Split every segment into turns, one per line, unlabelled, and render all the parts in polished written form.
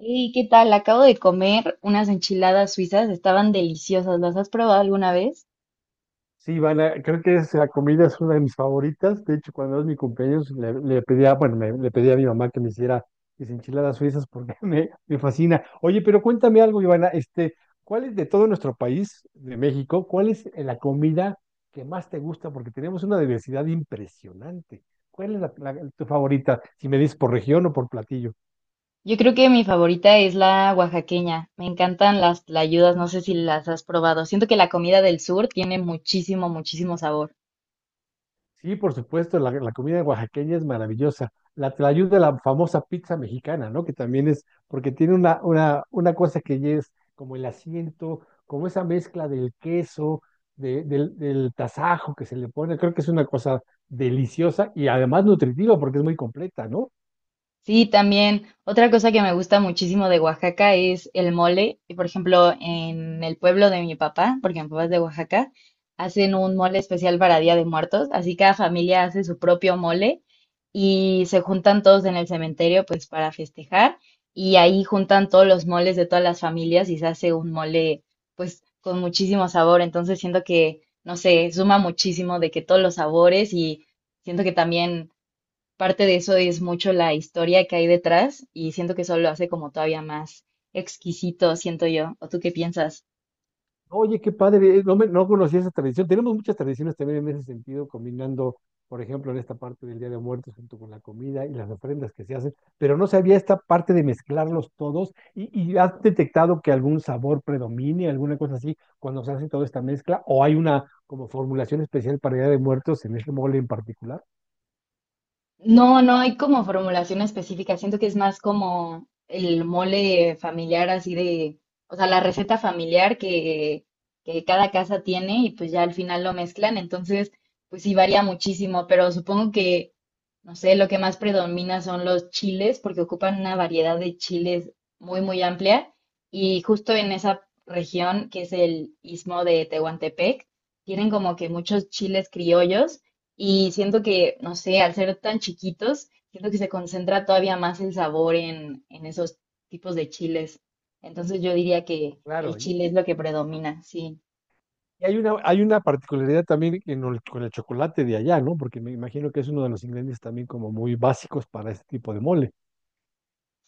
¿Y qué tal? Acabo de comer unas enchiladas suizas, estaban deliciosas. ¿Las has probado alguna vez?
Sí, Ivana, creo que esa comida es una de mis favoritas. De hecho, cuando es mi cumpleaños, le pedía, bueno, le pedí a mi mamá que me hiciera mis enchiladas suizas porque me fascina. Oye, pero cuéntame algo, Ivana, ¿cuál es de todo nuestro país, de México, cuál es la comida que más te gusta? Porque tenemos una diversidad impresionante. ¿Cuál es tu favorita? Si me dices por región o por platillo.
Yo creo que mi favorita es la oaxaqueña. Me encantan las tlayudas, no sé si las has probado. Siento que la comida del sur tiene muchísimo, muchísimo sabor.
Sí, por supuesto, la comida oaxaqueña es maravillosa. La tlayuda de la famosa pizza mexicana, ¿no? Que también es, porque tiene una cosa que ya es como el asiento, como esa mezcla del queso, del tasajo que se le pone. Creo que es una cosa deliciosa y además nutritiva porque es muy completa, ¿no?
Sí, también. Otra cosa que me gusta muchísimo de Oaxaca es el mole. Y por ejemplo, en el pueblo de mi papá, porque mi papá es de Oaxaca, hacen un mole especial para Día de Muertos. Así cada familia hace su propio mole y se juntan todos en el cementerio, pues para festejar. Y ahí juntan todos los moles de todas las familias y se hace un mole, pues con muchísimo sabor. Entonces siento que, no sé, suma muchísimo de que todos los sabores y siento que también parte de eso es mucho la historia que hay detrás, y siento que eso lo hace como todavía más exquisito, siento yo. ¿O tú qué piensas?
Oye, qué padre, no, no conocía esa tradición. Tenemos muchas tradiciones también en ese sentido, combinando, por ejemplo, en esta parte del Día de Muertos junto con la comida y las ofrendas que se hacen, pero no sabía esta parte de mezclarlos todos y has detectado que algún sabor predomine, alguna cosa así, cuando se hace toda esta mezcla, o hay una como formulación especial para Día de Muertos en ese mole en particular.
No, no hay como formulación específica. Siento que es más como el mole familiar, así de, o sea, la receta familiar que cada casa tiene y pues ya al final lo mezclan. Entonces, pues sí varía muchísimo, pero supongo que, no sé, lo que más predomina son los chiles, porque ocupan una variedad de chiles muy, muy amplia. Y justo en esa región, que es el istmo de Tehuantepec, tienen como que muchos chiles criollos y siento que, no sé, al ser tan chiquitos, siento que se concentra todavía más el sabor en esos tipos de chiles. Entonces yo diría que el
Claro, y,
chile es
y-
lo que predomina, sí.
y hay una particularidad también con el chocolate de allá, ¿no? Porque me imagino que es uno de los ingredientes también como muy básicos para este tipo de moles.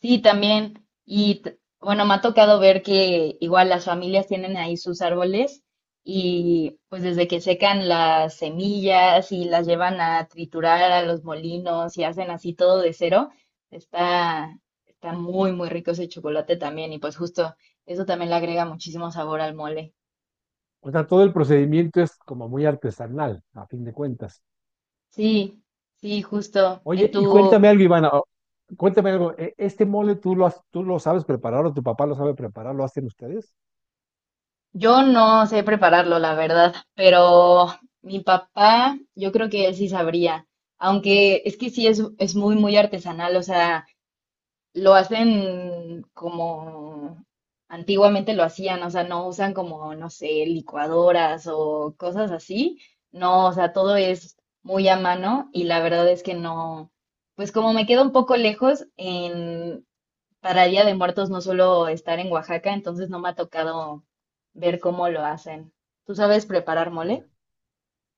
Sí, también. Bueno, me ha tocado ver que igual las familias tienen ahí sus árboles y pues desde que secan las semillas y las llevan a triturar a los molinos y hacen así todo de cero, está, está muy, muy rico ese chocolate también y pues justo eso también le agrega muchísimo sabor al mole.
O sea, todo el procedimiento es como muy artesanal, a fin de cuentas.
Sí, sí, justo. En
Oye, y cuéntame
tu,
algo, Ivana. Cuéntame algo. ¿Este mole tú lo sabes preparar o tu papá lo sabe preparar? ¿Lo hacen ustedes?
yo no sé prepararlo, la verdad, pero mi papá, yo creo que él sí sabría, aunque es que sí es muy, muy artesanal, o sea, lo hacen como antiguamente lo hacían, o sea, no usan como, no sé, licuadoras o cosas así, no, o sea, todo es muy a mano y la verdad es que no, pues como me queda un poco lejos, para Día de Muertos no suelo estar en Oaxaca, entonces no me ha tocado ver cómo lo hacen. ¿Tú sabes preparar
Ya.
mole?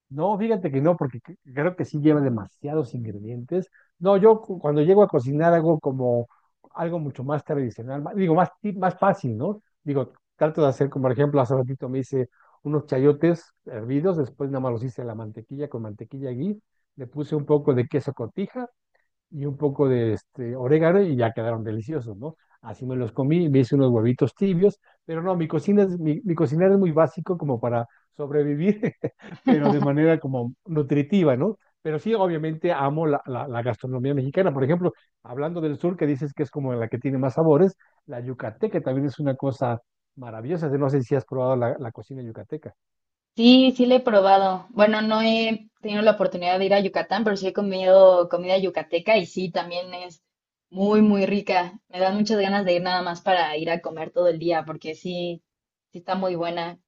No, fíjate que no, porque creo que sí lleva demasiados ingredientes. No, yo cuando llego a cocinar hago como algo mucho más tradicional, digo, más, más fácil, ¿no? Digo, trato de hacer, como por ejemplo, hace ratito me hice unos chayotes hervidos, después nada más los hice a la mantequilla con mantequilla ghee, le puse un poco de queso cotija y un poco de orégano y ya quedaron deliciosos, ¿no? Así me los comí, me hice unos huevitos tibios, pero no, mi cocinar es muy básico como para sobrevivir, pero de manera como nutritiva, ¿no? Pero sí, obviamente amo la gastronomía mexicana. Por ejemplo, hablando del sur, que dices que es como la que tiene más sabores, la yucateca también es una cosa maravillosa. No sé si has probado la cocina yucateca.
Sí, sí le he probado. Bueno, no he tenido la oportunidad de ir a Yucatán, pero sí he comido comida yucateca y sí, también es muy, muy rica. Me dan muchas ganas de ir nada más para ir a comer todo el día, porque sí, sí está muy buena.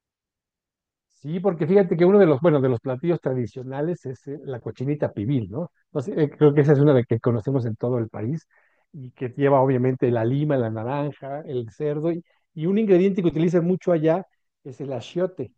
Sí, porque fíjate que uno de los, bueno, de los platillos tradicionales es la cochinita pibil, ¿no? Entonces, creo que esa es una de que conocemos en todo el país y que lleva obviamente la lima, la naranja, el cerdo y un ingrediente que utilizan mucho allá es el achiote.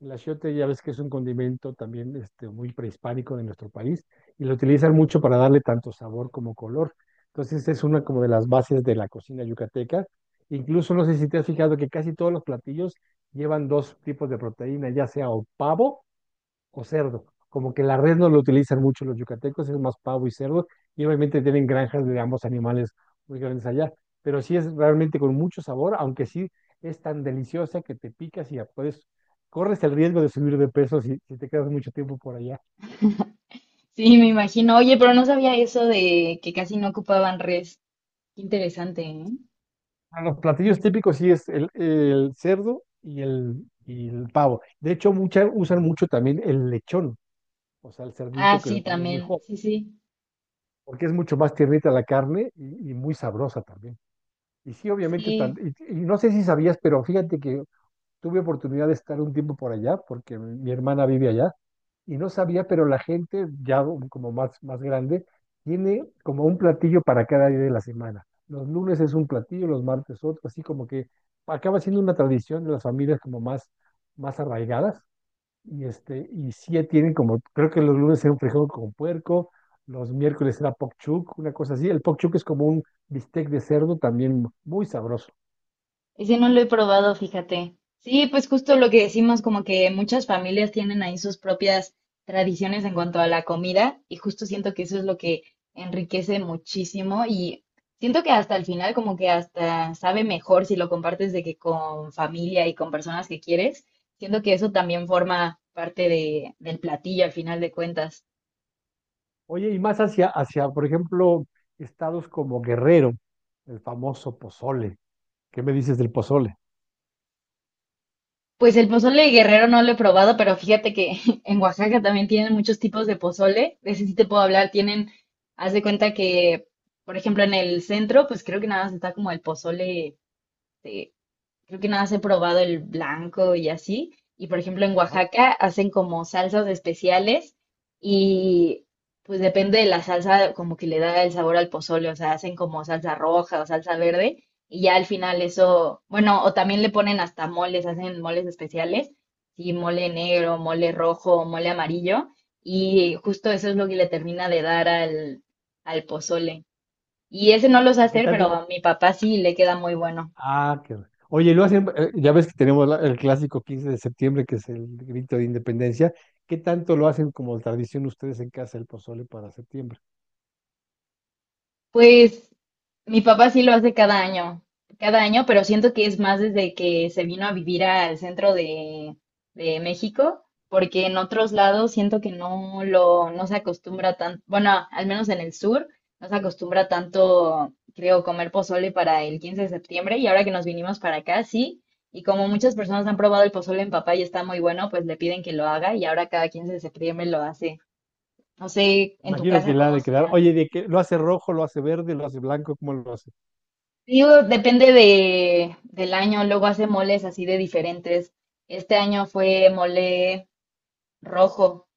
El achiote ya ves que es un condimento también muy prehispánico de nuestro país y lo utilizan mucho para darle tanto sabor como color. Entonces es una como de las bases de la cocina yucateca. Incluso no sé si te has fijado que casi todos los platillos llevan dos tipos de proteína, ya sea o pavo o cerdo. Como que la red no lo utilizan mucho los yucatecos, es más pavo y cerdo, y obviamente tienen granjas de ambos animales muy grandes allá, pero sí es realmente con mucho sabor, aunque sí es tan deliciosa que te picas y ya puedes, corres el riesgo de subir de peso si te quedas mucho tiempo por allá.
Sí, me imagino. Oye, pero no sabía eso de que casi no ocupaban res. Qué interesante, ¿eh?
A Los platillos típicos sí es el cerdo y el pavo. De hecho, usan mucho también el lechón, o sea, el
Ah,
cerdito que
sí,
cuando es muy
también.
joven,
Sí, sí.
porque es mucho más tiernita la carne y muy sabrosa también. Y sí, obviamente, tan-
Sí,
y, y no sé si sabías, pero fíjate que tuve oportunidad de estar un tiempo por allá, porque mi hermana vive allá, y no sabía, pero la gente, ya como más grande, tiene como un platillo para cada día de la semana. Los lunes es un platillo, los martes otro, así como que acaba siendo una tradición de las familias como más arraigadas, y y sí tienen como, creo que los lunes era un frijol con puerco, los miércoles era pokchuk, una cosa así. El pokchuk es como un bistec de cerdo también muy sabroso.
ese no lo he probado, fíjate. Sí, pues justo lo que decimos, como que muchas familias tienen ahí sus propias tradiciones en cuanto a la comida, y justo siento que eso es lo que enriquece muchísimo y siento que hasta el final como que hasta sabe mejor si lo compartes de que con familia y con personas que quieres. Siento que eso también forma parte del platillo al final de cuentas.
Oye, y más hacia, por ejemplo, estados como Guerrero, el famoso pozole. ¿Qué me dices del pozole?
Pues el pozole de guerrero no lo he probado, pero fíjate que en Oaxaca también tienen muchos tipos de pozole. De ese sí te puedo hablar. Tienen, haz de cuenta que, por ejemplo, en el centro, pues creo que nada más está como el pozole, creo que nada más he probado el blanco y así. Y por ejemplo, en
Ajá.
Oaxaca hacen como salsas especiales y pues depende de la salsa, como que le da el sabor al pozole, o sea, hacen como salsa roja o salsa verde y ya al final eso, bueno, o también le ponen hasta moles, hacen moles especiales, sí, mole negro, mole rojo, mole amarillo, y justo eso es lo que le termina de dar al pozole. Y ese no lo sé
¿Y qué
hacer, pero
tal?
a mi papá sí le queda muy bueno.
Ah, qué bueno. Oye, lo hacen, ya ves que tenemos el clásico 15 de septiembre, que es el grito de independencia. ¿Qué tanto lo hacen como tradición ustedes en casa el pozole para septiembre?
Pues mi papá sí lo hace cada año, pero siento que es más desde que se vino a vivir al centro de México, porque en otros lados siento que no lo, no se acostumbra tanto, bueno, al menos en el sur, no se acostumbra tanto, creo, comer pozole para el 15 de septiembre, y ahora que nos vinimos para acá, sí, y como muchas personas han probado el pozole en papá y está muy bueno, pues le piden que lo haga, y ahora cada 15 de septiembre lo hace. No sé en tu
Imagino
casa
que la ha
cómo
de quedar.
sea.
Oye, ¿de qué? ¿Lo hace rojo, lo hace verde, lo hace blanco? ¿Cómo lo hace?
Digo, depende del año, luego hace moles así de diferentes. Este año fue mole rojo,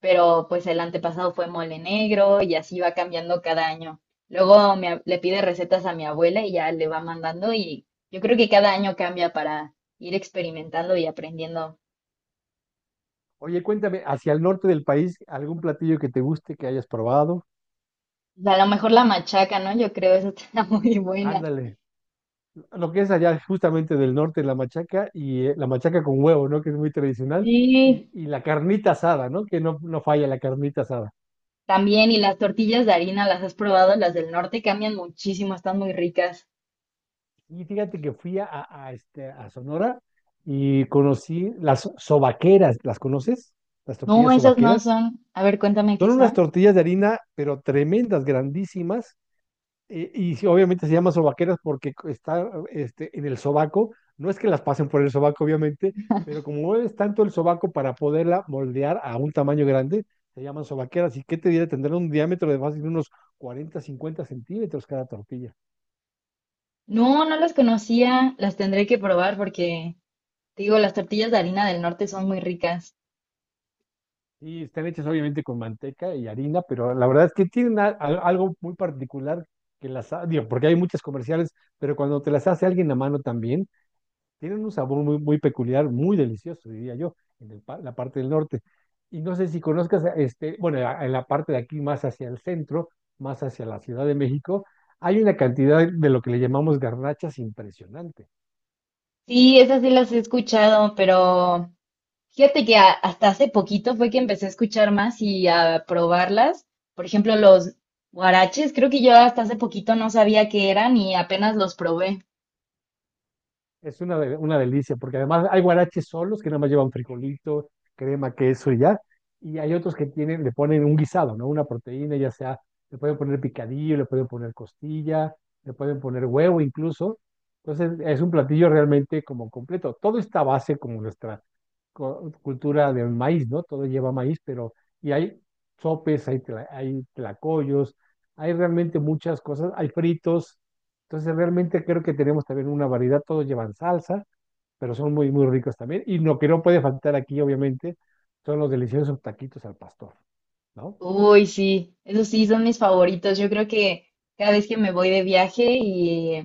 pero pues el antepasado fue mole negro y así va cambiando cada año. Luego le pide recetas a mi abuela y ya le va mandando y yo creo que cada año cambia para ir experimentando y aprendiendo.
Oye, cuéntame, hacia el norte del país, ¿algún platillo que te guste, que hayas probado?
A lo mejor la machaca, ¿no? Yo creo eso está muy buena.
Ándale. Lo que es allá justamente del norte, la machaca y la machaca con huevo, ¿no? Que es muy tradicional. Y,
Sí,
y la carnita asada, ¿no? Que no, no falla la carnita asada.
también y las tortillas de harina, ¿las has probado? Las del norte cambian muchísimo, están muy ricas.
Y fíjate que fui a Sonora y conocí las sobaqueras. ¿Las conoces? Las
No,
tortillas
esas no
sobaqueras.
son. A ver, cuéntame qué
Son unas
son.
tortillas de harina, pero tremendas, grandísimas. Y, sí, obviamente se llama sobaqueras porque está en el sobaco. No es que las pasen por el sobaco, obviamente, pero como mueves tanto el sobaco para poderla moldear a un tamaño grande, se llaman sobaqueras. ¿Y qué te diré? Tendrán un diámetro de fácil unos 40, 50 centímetros cada tortilla.
No, no las conocía. Las tendré que probar porque, te digo, las tortillas de harina del norte son muy ricas.
Y están hechas obviamente con manteca y harina, pero la verdad es que tienen algo muy particular digo, porque hay muchas comerciales, pero cuando te las hace alguien a mano también, tienen un sabor muy, muy peculiar, muy delicioso, diría yo, en la parte del norte. Y no sé si conozcas, bueno, en la parte de aquí más hacia el centro, más hacia la Ciudad de México, hay una cantidad de lo que le llamamos garnachas impresionante.
Sí, esas sí las he escuchado, pero fíjate que hasta hace poquito fue que empecé a escuchar más y a probarlas. Por ejemplo, los guaraches, creo que yo hasta hace poquito no sabía qué eran y apenas los probé.
Es una delicia, porque además hay guaraches solos que nada más llevan frijolito, crema, queso y ya. Y hay otros que tienen, le ponen un guisado, ¿no? Una proteína, ya sea, le pueden poner picadillo, le pueden poner costilla, le pueden poner huevo incluso. Entonces, es un platillo realmente como completo. Todo está a base como nuestra cultura del maíz, ¿no? Todo lleva maíz, pero y hay sopes, hay tlacoyos, hay realmente muchas cosas, hay fritos entonces, realmente creo que tenemos también una variedad, todos llevan salsa, pero son muy, muy ricos también. Y lo que no puede faltar aquí, obviamente, son los deliciosos taquitos al pastor, ¿no?
Uy, sí, esos sí son mis favoritos. Yo creo que cada vez que me voy de viaje y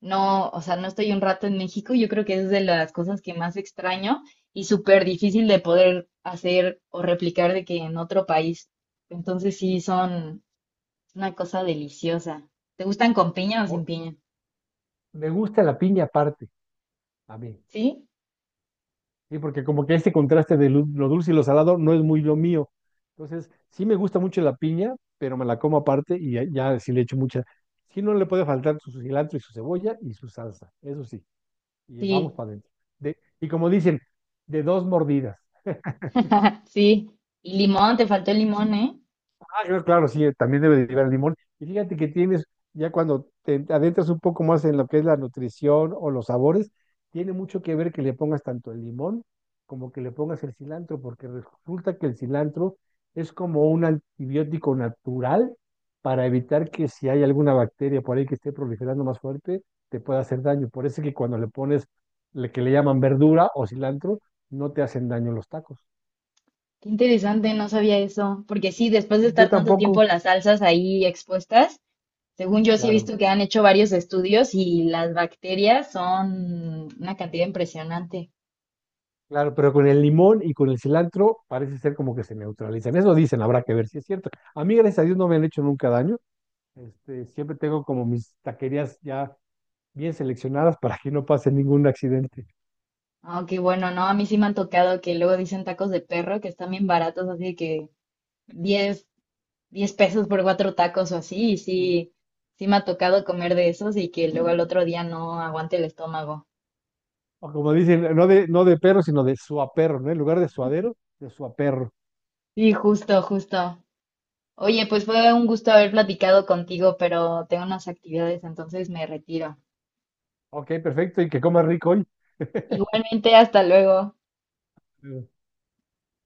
no, o sea, no estoy un rato en México, yo creo que es de las cosas que más extraño y súper difícil de poder hacer o replicar de que en otro país. Entonces sí, son una cosa deliciosa. ¿Te gustan con piña o sin
O-
piña?
Me gusta la piña aparte, a mí,
Sí,
¿sí? Porque como que ese contraste de lo dulce y lo salado no es muy lo mío. Entonces, sí me gusta mucho la piña, pero me la como aparte y ya, ya sí le echo mucha. Sí no le puede faltar su cilantro y su cebolla y su salsa, eso sí. Y vamos
sí,
para adentro. Y como dicen, de dos mordidas.
sí. Y limón, te faltó el limón, ¿eh?
Ah, claro, claro, sí, también debe derivar el limón. Y fíjate que tienes, ya cuando te adentras un poco más en lo que es la nutrición o los sabores, tiene mucho que ver que le pongas tanto el limón como que le pongas el cilantro, porque resulta que el cilantro es como un antibiótico natural para evitar que si hay alguna bacteria por ahí que esté proliferando más fuerte, te pueda hacer daño. Por eso es que cuando le pones lo que le llaman verdura o cilantro, no te hacen daño los tacos.
Qué interesante, no sabía eso. Porque sí, después de
Yo
estar tanto tiempo
tampoco,
las salsas ahí expuestas, según yo sí he
claro.
visto que han hecho varios estudios y las bacterias son una cantidad impresionante.
Claro, pero con el limón y con el cilantro parece ser como que se neutralizan. Eso dicen, habrá que ver si es cierto. A mí, gracias a Dios, no me han hecho nunca daño. Siempre tengo como mis taquerías ya bien seleccionadas para que no pase ningún accidente.
Aunque bueno, no, a mí sí me han tocado que luego dicen tacos de perro que están bien baratos, así de que 10 10 pesos por cuatro tacos o así, y
Sí.
sí, sí me ha tocado comer de esos y que luego al otro día no aguante el estómago.
O como dicen, no de, no de perro, sino de suaperro, ¿no? En lugar de suadero, de suaperro.
Sí, justo, justo. Oye, pues fue un gusto haber platicado contigo, pero tengo unas actividades, entonces me retiro.
Ok, perfecto, y que coma rico hoy.
Igualmente, hasta luego.